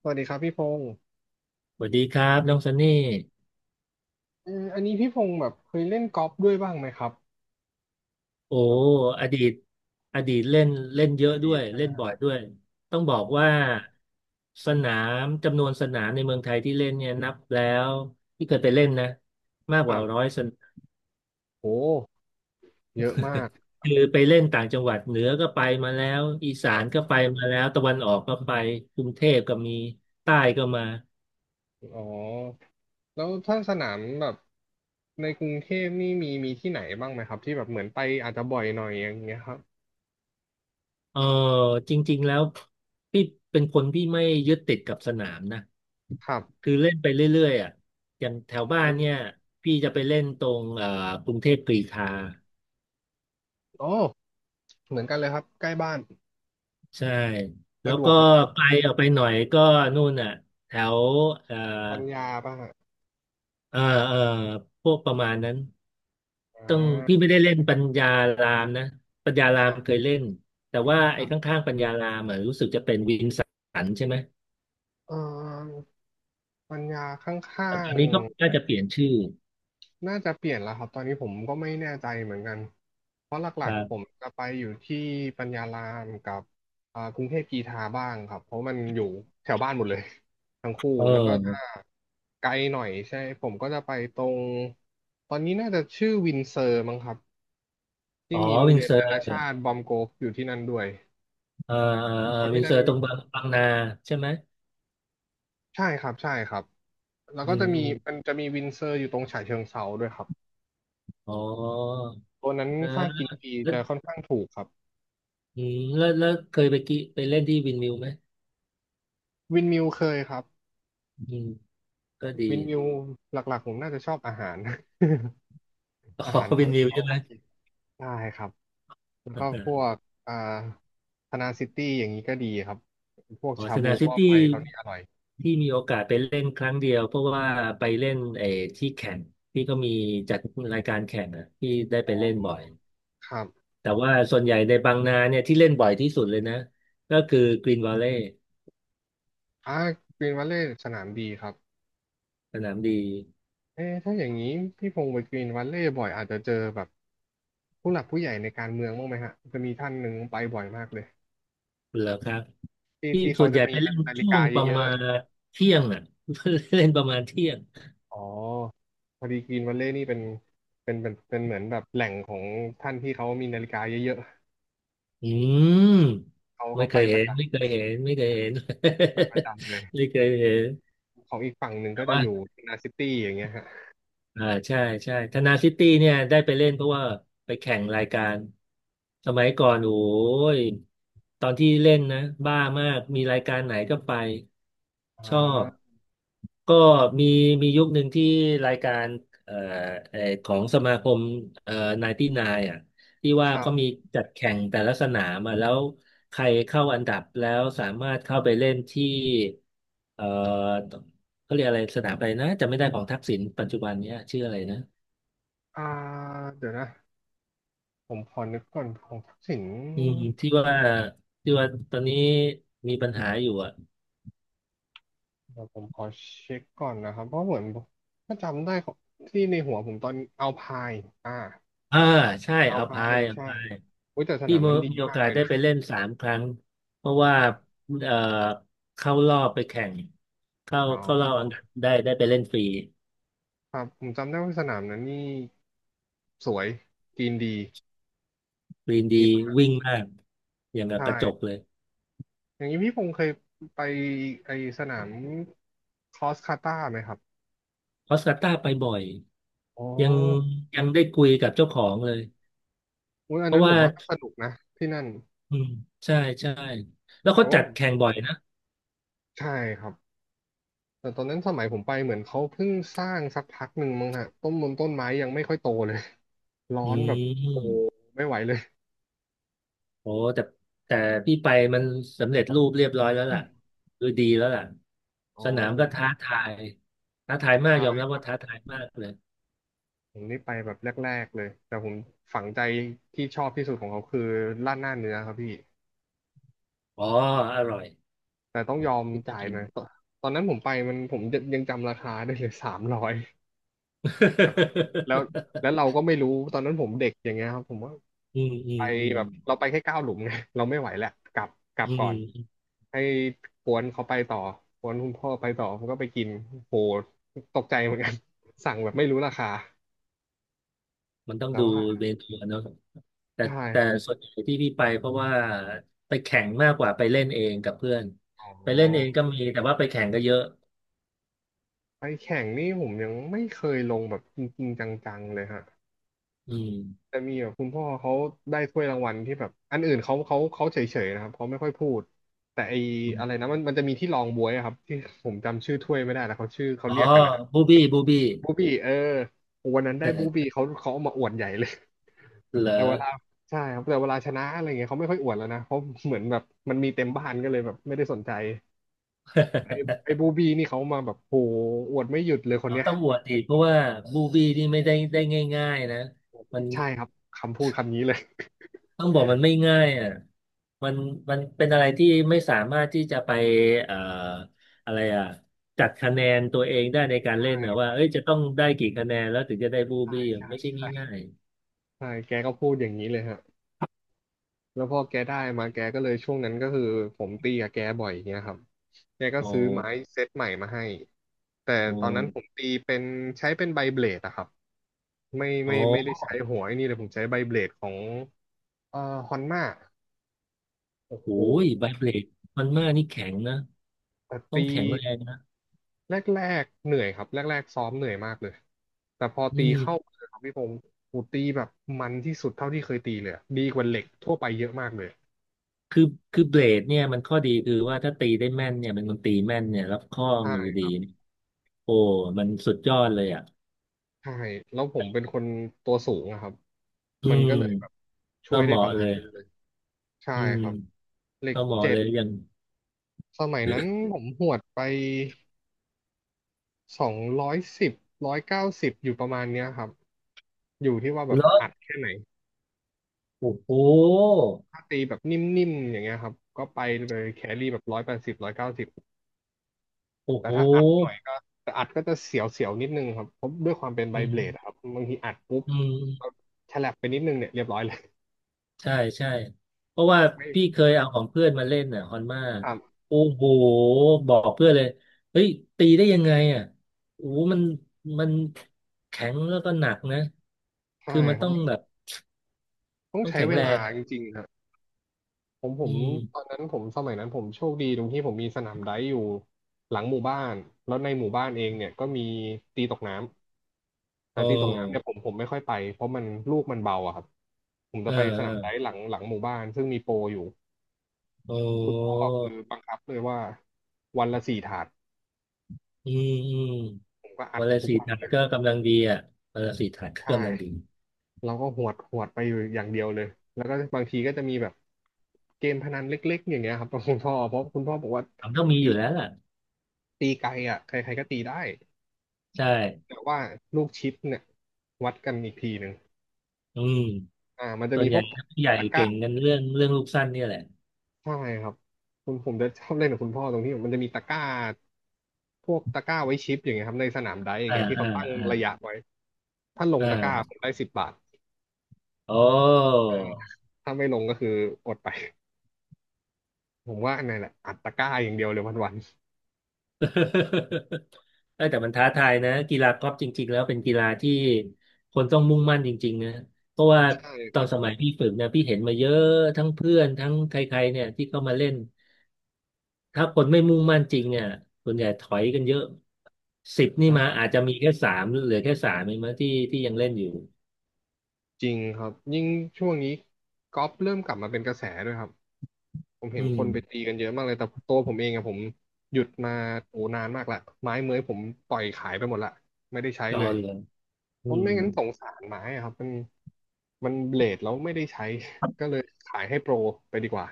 สวัสดีครับพี่พงศ์สวัสดีครับน้องซันนี่อันนี้พี่พงศ์แบบเคยเล่นกอล์ฟด้วยบ้างไหมครับโอ้แบบอดีตอดีตเล่นเล่นเยออะด้ดีวตยใช่ไหเล่มนครับ่บอยด้วยต้องบออ๋กอว่าสนามจำนวนสนามในเมืองไทยที่เล่นเนี่ยนับแล้วที่เคยไปเล่นนะมากคกรัว่าร้อยบสนามโหเยอะมากคือไปเล่นต่างจังหวัดเหนือก็ไปมาแล้วอีคสารันก็บไปมาแล้วตะวันออกก็ไปกรุงเทพก็มีใต้ก็มาอ๋อแล้วถ้าสนามแบบในกรุงเทพนี่มีที่ไหนบ้างไหมครับที่แบบเหมือนไปอาจจะบ่อยหน่อยอย่างเงี้ยครับเออจริงๆแล้วพี่เป็นคนที่ไม่ยึดติดกับสนามนะ ครับคือเล่นไปเรื่อยๆอ่ะอย่างแถอวบ้านอเนี่ยพี่จะไปเล่นตรงกรุงเทพกรีฑาโอเหมือนกันเลยครับใกล้บ้านใช่แล้สะวดวก็กมากไกลออกไปหน่อยก็นู่นอ่ะแถวเอ่อปัญญาป่ะฮะเอ่อเอ่อพวกประมาณนั้นอ่ต้องพี่าไม่ได้เล่นปัญญารามนะปัญญาครามรัเคบยเล่นแต่ว่าคไอ้รับข้างๆปัญญารามอ่ะรู้สึกจะเป็นวินสันใช่ไหมเออปัญญาข้าแต่ตง อนนี้ก็น่าจะเปลี่ยนชื่อน่าจะเปลี่ยนแล้วครับตอนนี้ผมก็ไม่แน่ใจเหมือนกันเพราะหลัคกรัๆผมบจะไปอยู่ที่ปัญญารามกับกรุงเทพกีทาบ้างครับเพราะมันอยู่แถวบ้านหมดเลย ทั้งคู่เแล้วก็อถ้าอไกลหน่อยใช่ผมก็จะไปตรงตอนนี้น่าจะชื่อวินเซอร์มั้งครับอ๋ที่อมีโรงวินเรียนเซอนานาร์ชาติบอมโกฟอยู่ที่นั่นด้วยเออเออเพราะวิที่นเซนั่อนร์ตรงบางบางนาใช่ไหมใช่ครับใช่ครับแล้วอืก็จะมีมันม จะมีวินเซอร์อยู่ตรงฉะเชิงเทราด้วยครับอ๋อตัวนั้นนะค่ากินฟรีแล้วจะค่อนข้างถูกครับเคยไปไปเล่นที่วินมิวไหมวินมิวเคยครับ อืมก็ดี วินวิวหลักๆผมน่าจะชอบอาหาร อ๋ ออาหารวิเขานมิวเขาใช่ไหโอม เคได้ครับแล้วก็พว กอ่าธนาซิตี้อย่างนี้ก็ดีครับพวกอ๋อชาสบูนามซิหม้อตี้ไฟเขานี่อร่อยที่มีโอกาสไปเล่นครั้งเดียว เพราะว่าไปเล่นไอ้ที่แข่งที่ก็มีจัดรายการแข่งอ่ะที่ได้ไปเล่นบ่อย ครับแต่ว่าส่วนใหญ่ในบางนาเนี่ยที่เล่นบ่อยที่สุดเลยนะ ก็คือกรีนวอลเลย์อ่ากรีนวัลเลย์สนามดีครับสนามดีเอ๊ะถ้าอย่างนี้พี่พงศ์ไปกรีนวัลเลย์บ่อยอาจจะเจอแบบผู้หลักผู้ใหญ่ในการเมืองบ้างไหมฮะจะมีท่านหนึ่งไปบ่อยมากเลยเหรอครับที่ที่ที่ส่เขาวนใหจะญ่มีไปเล่นนาฬิช่วกางประเยอะมาณๆ เที่ยงอ่ะ เล่นประมาณเที่ยง อ๋อ พอดีกรีนวัลเลย์นี่เป็นเหมือนแบบแหล่งของท่านที่เขามีนาฬิกาเยอะอืมๆ เขาไม่เขาเคไปยปเห็ระนจำไม่เคยเห็นไม่เคยเห็น ไปประจำเลย ไม่เคยเห็นของอีกฝั่งหนึ่งแต่ก็จะว่า อยู่นาซิตี้อย่างเงี้ยฮะอ่าใช่ใช่ธนาซิตี้เนี่ยได้ไปเล่นเพราะว่าไปแข่งรายการสมัยก่อนโอ้ยตอนที่เล่นนะบ้ามากมีรายการไหนก็ไปชอ่าอบก็มีมียุคหนึ่งที่รายการเอ่อเอ่อของสมาคมเอ่อ99อ่ะที่ว่าครัเขามีบจัดแข่งแต่ละสนามอ่ะแล้วใครเข้าอันดับแล้วสามารถเข้าไปเล่นที่เอ่อ เขาเรียกอะไรสนามอะไรนะจำไม่ได้ของทักษิณปัจจุบันเนี้ยชื่ออะไรนะอ่าเดี๋ยวนะ ผมขอนึกก่อนของทักษิณอืมที่ว่าที่ว่าตอนนี้มีปัญหาอยู่อ่ะเดี๋ยวผมขอเช็คก่อนนะครับ เพราะเหมือน ถ้าจำได้ของที่ในหัวผมตอนเอาพายอ่าอ่าใช่เอาอัลพาพายยอัลใช่พายอุ้ยแต่สที่นามมีนั้นดีมีโอมากกาเลสยได้นะไปเล่น3 ครั้งเพราะว่าผมเอ่อเข้ารอบไปแข่งเข้าอ๋อเข้ารอบอันดับได้ไปเล่นฟรีครับ ผมจำได้ว่าสนามนั้นนี่ สวยจีนดีฟรีจีนดีดีมากวิ่งมากอย่างใกับกระจกช่เลยอย่างนี้พี่พงษ์เคยไปไอสนามครอสคาตาไหมครับออสการ์ต้าไปบ่อยอ๋อยังยังได้คุยกับเจ้าของเลยอุ๊ยอัเพนนั้ราะนผว่ามว่าก็สนุกนะที่นั่นอืมใช่ใช่แล้วแต่เขาว่าจัดผมแข่งบ่อยนะ ใช่ครับแต่ตอนนั้นสมัยผมไปเหมือนเขาเพิ่งสร้างสักพักหนึ่งมั้งฮะต้นมนต้นไม้ยังไม่ค่อยโตเลย ร้ออืนแบบโหมไม่ไหวเลยโอ้แต่แต่พี่ไปมันสำเร็จรูปเรียบร้อยแล้วล่ะคือดีแล้วล่ะอ๋อสนามผก็มท้าทายท้าทายมากใช่ยอมรับครัว่าบท้าทายมากเลยผมนี่ไปแบบแรกๆเลยแต่ผมฝังใจที่ชอบที่สุดของเขาคือราดหน้าเนื้อครับพี่ อ๋ออร่อยแต่ต้องยอมที่จะจ่ายกิหน นะตอนนั้นผมไปมันผมยังจำราคาได้เลย300แต่แบบ แล้วแล้วเราก็ไม่รู้ตอนนั้นผมเด็กอย่างเงี้ยครับผมว่าอืมอืไปมอืมแบบเราไปแค่9 หลุมไงเราไม่ไหวแหละกลับกลัอืบก่อนมให้กวนเขาไปต่อกวนคุณพ่อไปต่อผมก็ไปกินโหตกใจเหมือนกัน สั่งแบบไม่รู้ราคามันต้องแต่ดูว่าเมนูอะเนาะแต่ใช่แต่ครับส่วนใหญ่ที่พี่ไปเพราะว่าไปแข่งมากกว่าไปเล่นเองกับเพื่อนอ๋ไปเล่นเองอก็มีแต่ว่าไปแข่งก็เยอะไปแข่งนี่ผมยังไม่เคยลงแบบจริงๆจังๆเลยฮะ อืมแต่มีแบบคุณพ่อเขาได้ถ้วยรางวัลที่แบบอันอื่นเขาเฉยๆนะครับเขาไม่ค่อยพูดแต่ไออมอะไรนะมันจะมีที่รองบ๊วยอะครับที่ผมจำชื่อถ้วยไม่ได้แล้วเขาชื่อเขาอ๋อเรียกกันนะบูบี้บูบี้ บูบี้เออวันนั้นได้บูบี้เขาเอามาอวดใหญ่เลยเหรอแต่เวลาใช่ครับแต่เวลาชนะอะไรเงี้ยเขาไม่ค่อยอวดแล้วนะเพราะเหมือนแบบมันมีเต็มบ้านก็เลยแบบไม่ได้สนใจไอ้ไอ้บูบี้นี่เขามาแบบโหอวดไม่หยุดเลยคนเราเนี้ยต้องอวดอีกเพราะว่ามูวี่นี่ไม่ได้ง่ายๆนะมันใช่ครับคำพูดคำนี้เลยต้องบอกมันไม่ง่ายอ่ะมันมันเป็นอะไรที่ไม่สามารถที่จะไปเอ่ออะไรอ่ะ จัดคะแนนตัวเองได้ในการใชเล่นนะ่ว่าเอ้ยจะต้องได้กี่คะแนนแล้วถึงจะได้บูใช่บี้ใช่ไม่ใช่ใช่ง่ายใช่แกก็พูดอย่างนี้เลยฮะ แล้วพอแกได้มาแกก็เลยช่วงนั้นก็คือผมตีกับแกบ่อยอย่างเงี้ยครับแกๆก็ซื้อไม้เซตใหม่มาให้แต่โอตอนนั้นผม้ตีเป็นใช้เป็นใบเบลดอะครับไม่ไม่โอ้ไม่ได้ใช้หัวไอ้นี่เลยผมใช้ใบเบลดของเอ่อฮอนม่าโอ้โอ้โหยใบเบลดมันมากนี่แข็งนะแต่ต้องตีแข็งแรงนะแรกๆเหนื่อยครับแรกๆซ้อมเหนื่อยมากเลยแต่พอตีนี่เข้ามือครับพี่ผมผมตีแบบมันที่สุดเท่าที่เคยตีเลยอะดีกว่าเหล็กทั่วไปเยอะมากเลยคือคือเบลดเนี่ยมันข้อดีคือว่าถ้าตีได้แม่นเนี่ยเป็นคนตีแม่นเนี่ยรับข้อมือใช่ ดี โอ้มันสุดยอดเลยอ่ะใช่แล้วผมเป็นคนตัวสูงอะครับอืมันก็เลยแบบมช่ก็วยเหได้ปมาะระมาเลณยนึงเลยใช่อืมครับเหล็กก็เหมาะเจ็เลดยอย่างสมัยนั้นผมหวดไป210ร้อยเก้าสิบอยู่ประมาณเนี้ยครับอยู่ที่ว่าแบเลบอะอัดแค่ไหนโอ้โหถ้าตีแบบนิ่มๆอย่างเงี้ยครับก็ไปเลยแครี่แบบ180ร้อยเก้าสิบโอ้แต่โหถ้าอัดหน่อยก็แต่อัดก็จะเสียวๆนิดนึงครับเพราะด้วยความเป็นไบอืเบลดอะคมรับบางทีอัดปุ๊บอืเรามฉลับไปนิดนึงเนี่ยเรียบร้อยเลยใช่ ใช่ เพราะว่าไม่พี่เคยเอาของเพื่อนมาเล่นอ่ะฮอนมาครับโอ้โหบอกเพื่อนเลย เฮ้ย ตีได้ยังไงอ่ะโอ้โหมันมันแข็งแล้วก็หนักนะใช่คือมันครัต้องบ แบบต้องต้องใช้แข็งเวแรลางจอ่ะริงๆครับผมผอืมตอนมนั้นผมสมัยนั้นผมโชคดีตรงที่ผมมีสนามไดฟ์อยู่หลังหมู่บ้านแล้วในหมู่บ้านเองเนี่ยก็มีตีตกน้ำโอแต่ตีตกน้ำเนี่ย้ผมไม่ค่อยไปเพราะมันลูกมันเบาอะครับผมเจะไปสนามไดออฟ์หลังหมู่บ้านซึ่งมีโปรอยู่เออคุณพ่อโอ้คือบังคับเลยว่าวันละสี่ถาดอืมอืม ผมก็อัดวันละทุกสี่วันถาดเลยก็กำลังดีอ่ะวันละสี่ถาดก็ใช่กำลังดีเราก็หวดหวดไปอยู่อย่างเดียวเลยแล้วก็บางทีก็จะมีแบบเกมพนันเล็กๆอย่างเงี้ยครับ กับคุณพ่อเพราะคุณพ่อบอกว่าทำต้องมีอตี ยู่แล้วล่ะตีไกลอ่ะใครๆก็ตีได้ใช่แต่ว่าลูกชิปเนี่ยวัดกันอีกทีหนึ่งอืมอ่ามันจะส่วมีนใหพญ่วกตผู้ใหญ่ะกเก่ร้างกันเรื่องเรื่องลูกสั้นเนี่ยแหละใช่ครับผมจะชอบเล่นกับคุณพ่อตรงที่มันจะมีตะกร้าพวกตะกร้าไว้ชิปอย่างเงี้ยครับในสนามไดร์อย่างอ่าเงี้ยที่อ่าเขาตั้งอ่าระยะไว้ถ้าลงตะกร้าอ่าผมได้10 บาทโอ้ อ่าถ้าไม่ลงก็คืออดไปผมว่าอันนั้นแหละอัดตะกร้าอย่างเดียวเลยวัน เออแต่มันท้าทายนะกีฬากอล์ฟจริงๆแล้วเป็นกีฬาที่คนต้องมุ่งมั่นจริงๆนะเพราะว่าๆใช่ตคอรันบสมัยพี่ฝึกนะพี่เห็นมาเยอะทั้งเพื่อนทั้งใครๆเนี่ยที่เข้ามาเล่น ถ้าคนไม่มุ่งมั่นจริงเนี่ยส่วนใหญ่ถอยกันเยอะ10นี่มาอ่าอาจจะมีแค่สามเหลือแค่สามเองมั้งที่ที่ยังเล่นอยู่ จริงครับยิ่งช่วงนี้กอล์ฟเริ่มกลับมาเป็นกระแสด้วยครับ ผมเห็อืนคมนไปตีกันเยอะมากเลย แต่ตัวผมเองอะผมหยุดมาโอ้นานมากละไม้เมื้อยผมปล่อยขายไปหมดละไม่ได้ใช้รเลอยเลยเพอืราะมไม่งั้นสงสารไม้อะครับมันมันเบลดแล้วไม่ได้ใช้ก็เลยขายให้โปรไปดีกว่า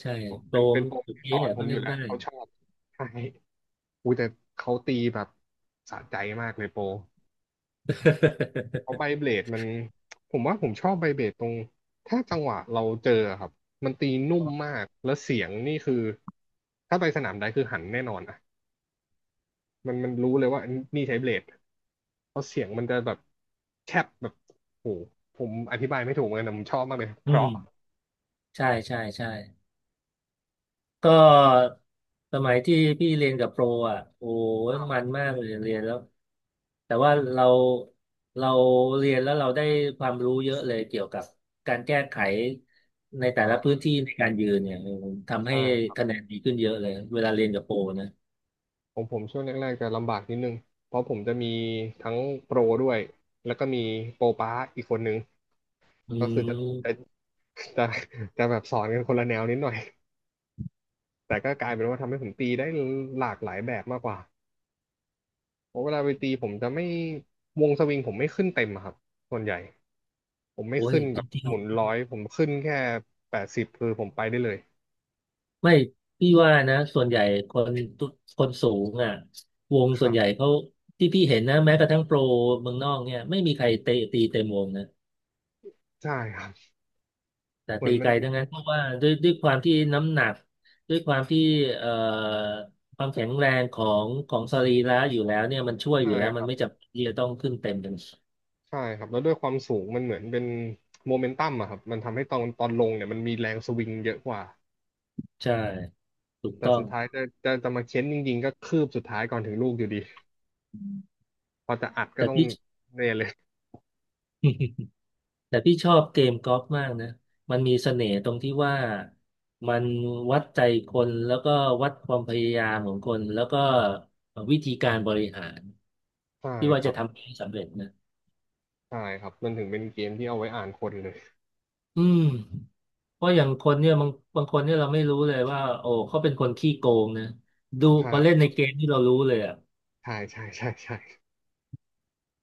ใช่ผมโปเป็รนเป็มนโปรสุดที่สอเอ๊ะนผก็มอเล่ยู่นแล้วได้ เขาชอบใช่อุ้ยแต่เขาตีแบบสะใจมากเลยโปร เพราะใบเบลดมันผมว่าผมชอบใบเบลดตรงถ้าจังหวะเราเจอครับมันตีนุ่มมากแล้วเสียงนี่คือถ้าไปสนามใดคือหันแน่นอนอ่ะมันรู้เลยว่านี่ใช้เบลดเพราะเสียงมันจะแบบแคบแบบโอ้โหผมอธิบายไม่ถูกเหมือนกันแต่ผมชอบมากเลย เพอืมราะใช่ ใช่ใช่ ก็สมัยที่พี่เรียนกับโปรอ่ะโอ้ยอ้าวมันมากเลยเรียนแล้วแต่ว่าเราเรียนแล้วเราได้ความรู้เยอะเลยเกี่ยวกับการแก้ไขในแต่อ่ละพื้านที่ในการยืนเนี่ยทำให้ใช่ครับคะแนนดีขึ้นเยอะเลยเวลาเรียนกับโปรนะผมช่วงแรกๆจะลำบากนิดนึงเพราะผมจะมีทั้งโปรด้วยแล้วก็มีโปรป้าอีกคนนึงอืก็คือจะมจะจะแบบสอนกันคนละแนวนิดหน่อย แต่ก็กลายเป็นว่าทำให้ผมตีได้หลากหลายแบบมากกว่าเพราะเวลาไปตีผมจะไม่วงสวิงผมไม่ขึ้นเต็มอะครับส่วนใหญ่ผมไม่โอ้ยขึ้นจแบบริงหมุน 100ผมขึ้นแค่แปดสิบคือผมไปได้เลยๆไม่พี่ว่านะส่วนใหญ่คนทุกคนสูงอ่ะวงคส่รัวนใหญ่บเขาที่พี่เห็นนะแม้กระทั่งโปรเมืองนอกเนี่ยไม่มีใครเตะตีเต็มวงนะ ใช่ครับแต่เหมือตีนมัไกนลทั้งนั้นเพราะว่าด้วยความที่น้ำหนักด้วยความที่เอ่อความแข็งแรงของของสรีระอยู่แล้วเนี่ยมันช่วยอใช่ยู่แล้วคมัรันบไม่จำเป็นที่จะต้องขึ้นเต็มกันใช่ครับแล้วด้วยความสูงมันเหมือนเป็นโมเมนตัมอะครับมันทำให้ตอนลงเนี่ยมันมีแรงสวิงเยอะกว่าใช่ถูกแต่ต้องสุดท้ายจะมาเค้นจริงๆก็คืบสุดท้ายก่อนถึงลูกอยู่ดีพอจะอัดก็แต่ต้องพี่เนี่ยเลยแต่พี่ชอบเกมกอล์ฟมากนะมันมีเสน่ห์ตรงที่ว่ามันวัดใจคนแล้วก็วัดความพยายามของคนแล้วก็วิธีการบริหารใช่ที่ว่าคจะรับทำให้สำเร็จนะใช่ครับมันถึงเป็นเกมที่เอาไว้อ่านคนเลย อืม เพราะอย่างคนเนี่ยบางคนเนี่ยเราไม่รู้เลยว่าโอ้เขาเป็นคนขี้โกงนะดูพอเล่ใช่ นในเกมที่เรารู้เลยอ่ะ ใช่ ใช่ใช่ใช่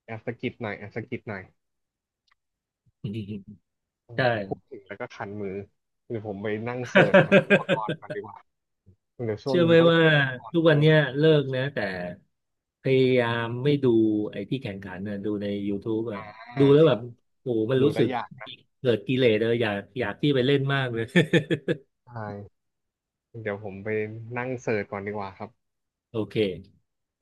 แอบสะกิดหน่อยแอบสะกิดหน่อย เออใช่ พูดถึงแล้วก็คันมือเดี๋ยวผมไปนั่งเสิร์ชหาอุปกรณ์กันดี กว่าเดี๋ยวช่วงเชื่อไหนี้มต้องว่าหาอุปกรทุณ์กวัเพิ่นมเนี้ยเลิกนะแต่พยายามไม่ดูไอ้ที่แข่งขันน่ะดูใน YouTube อ่ะดูอ่าแล้วคแบรับบโอ้โหมันดูรู้สึได้กยากนะเกิดกิเลสเลยอยากอยากที่ไปเล่นมากเลย ใช่เดี๋ยวผมไปนั่งเสิร์ชก่อนดีกว่าครับ โอเค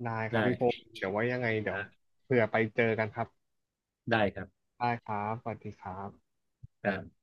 ได้ครับพี่พงศ์ได้เดี๋ยวไว่ายังไงเดี๋ยวอ่ะเผื่อไปเจอกันครับได้ครับได้ครับสวัสดีครับครับ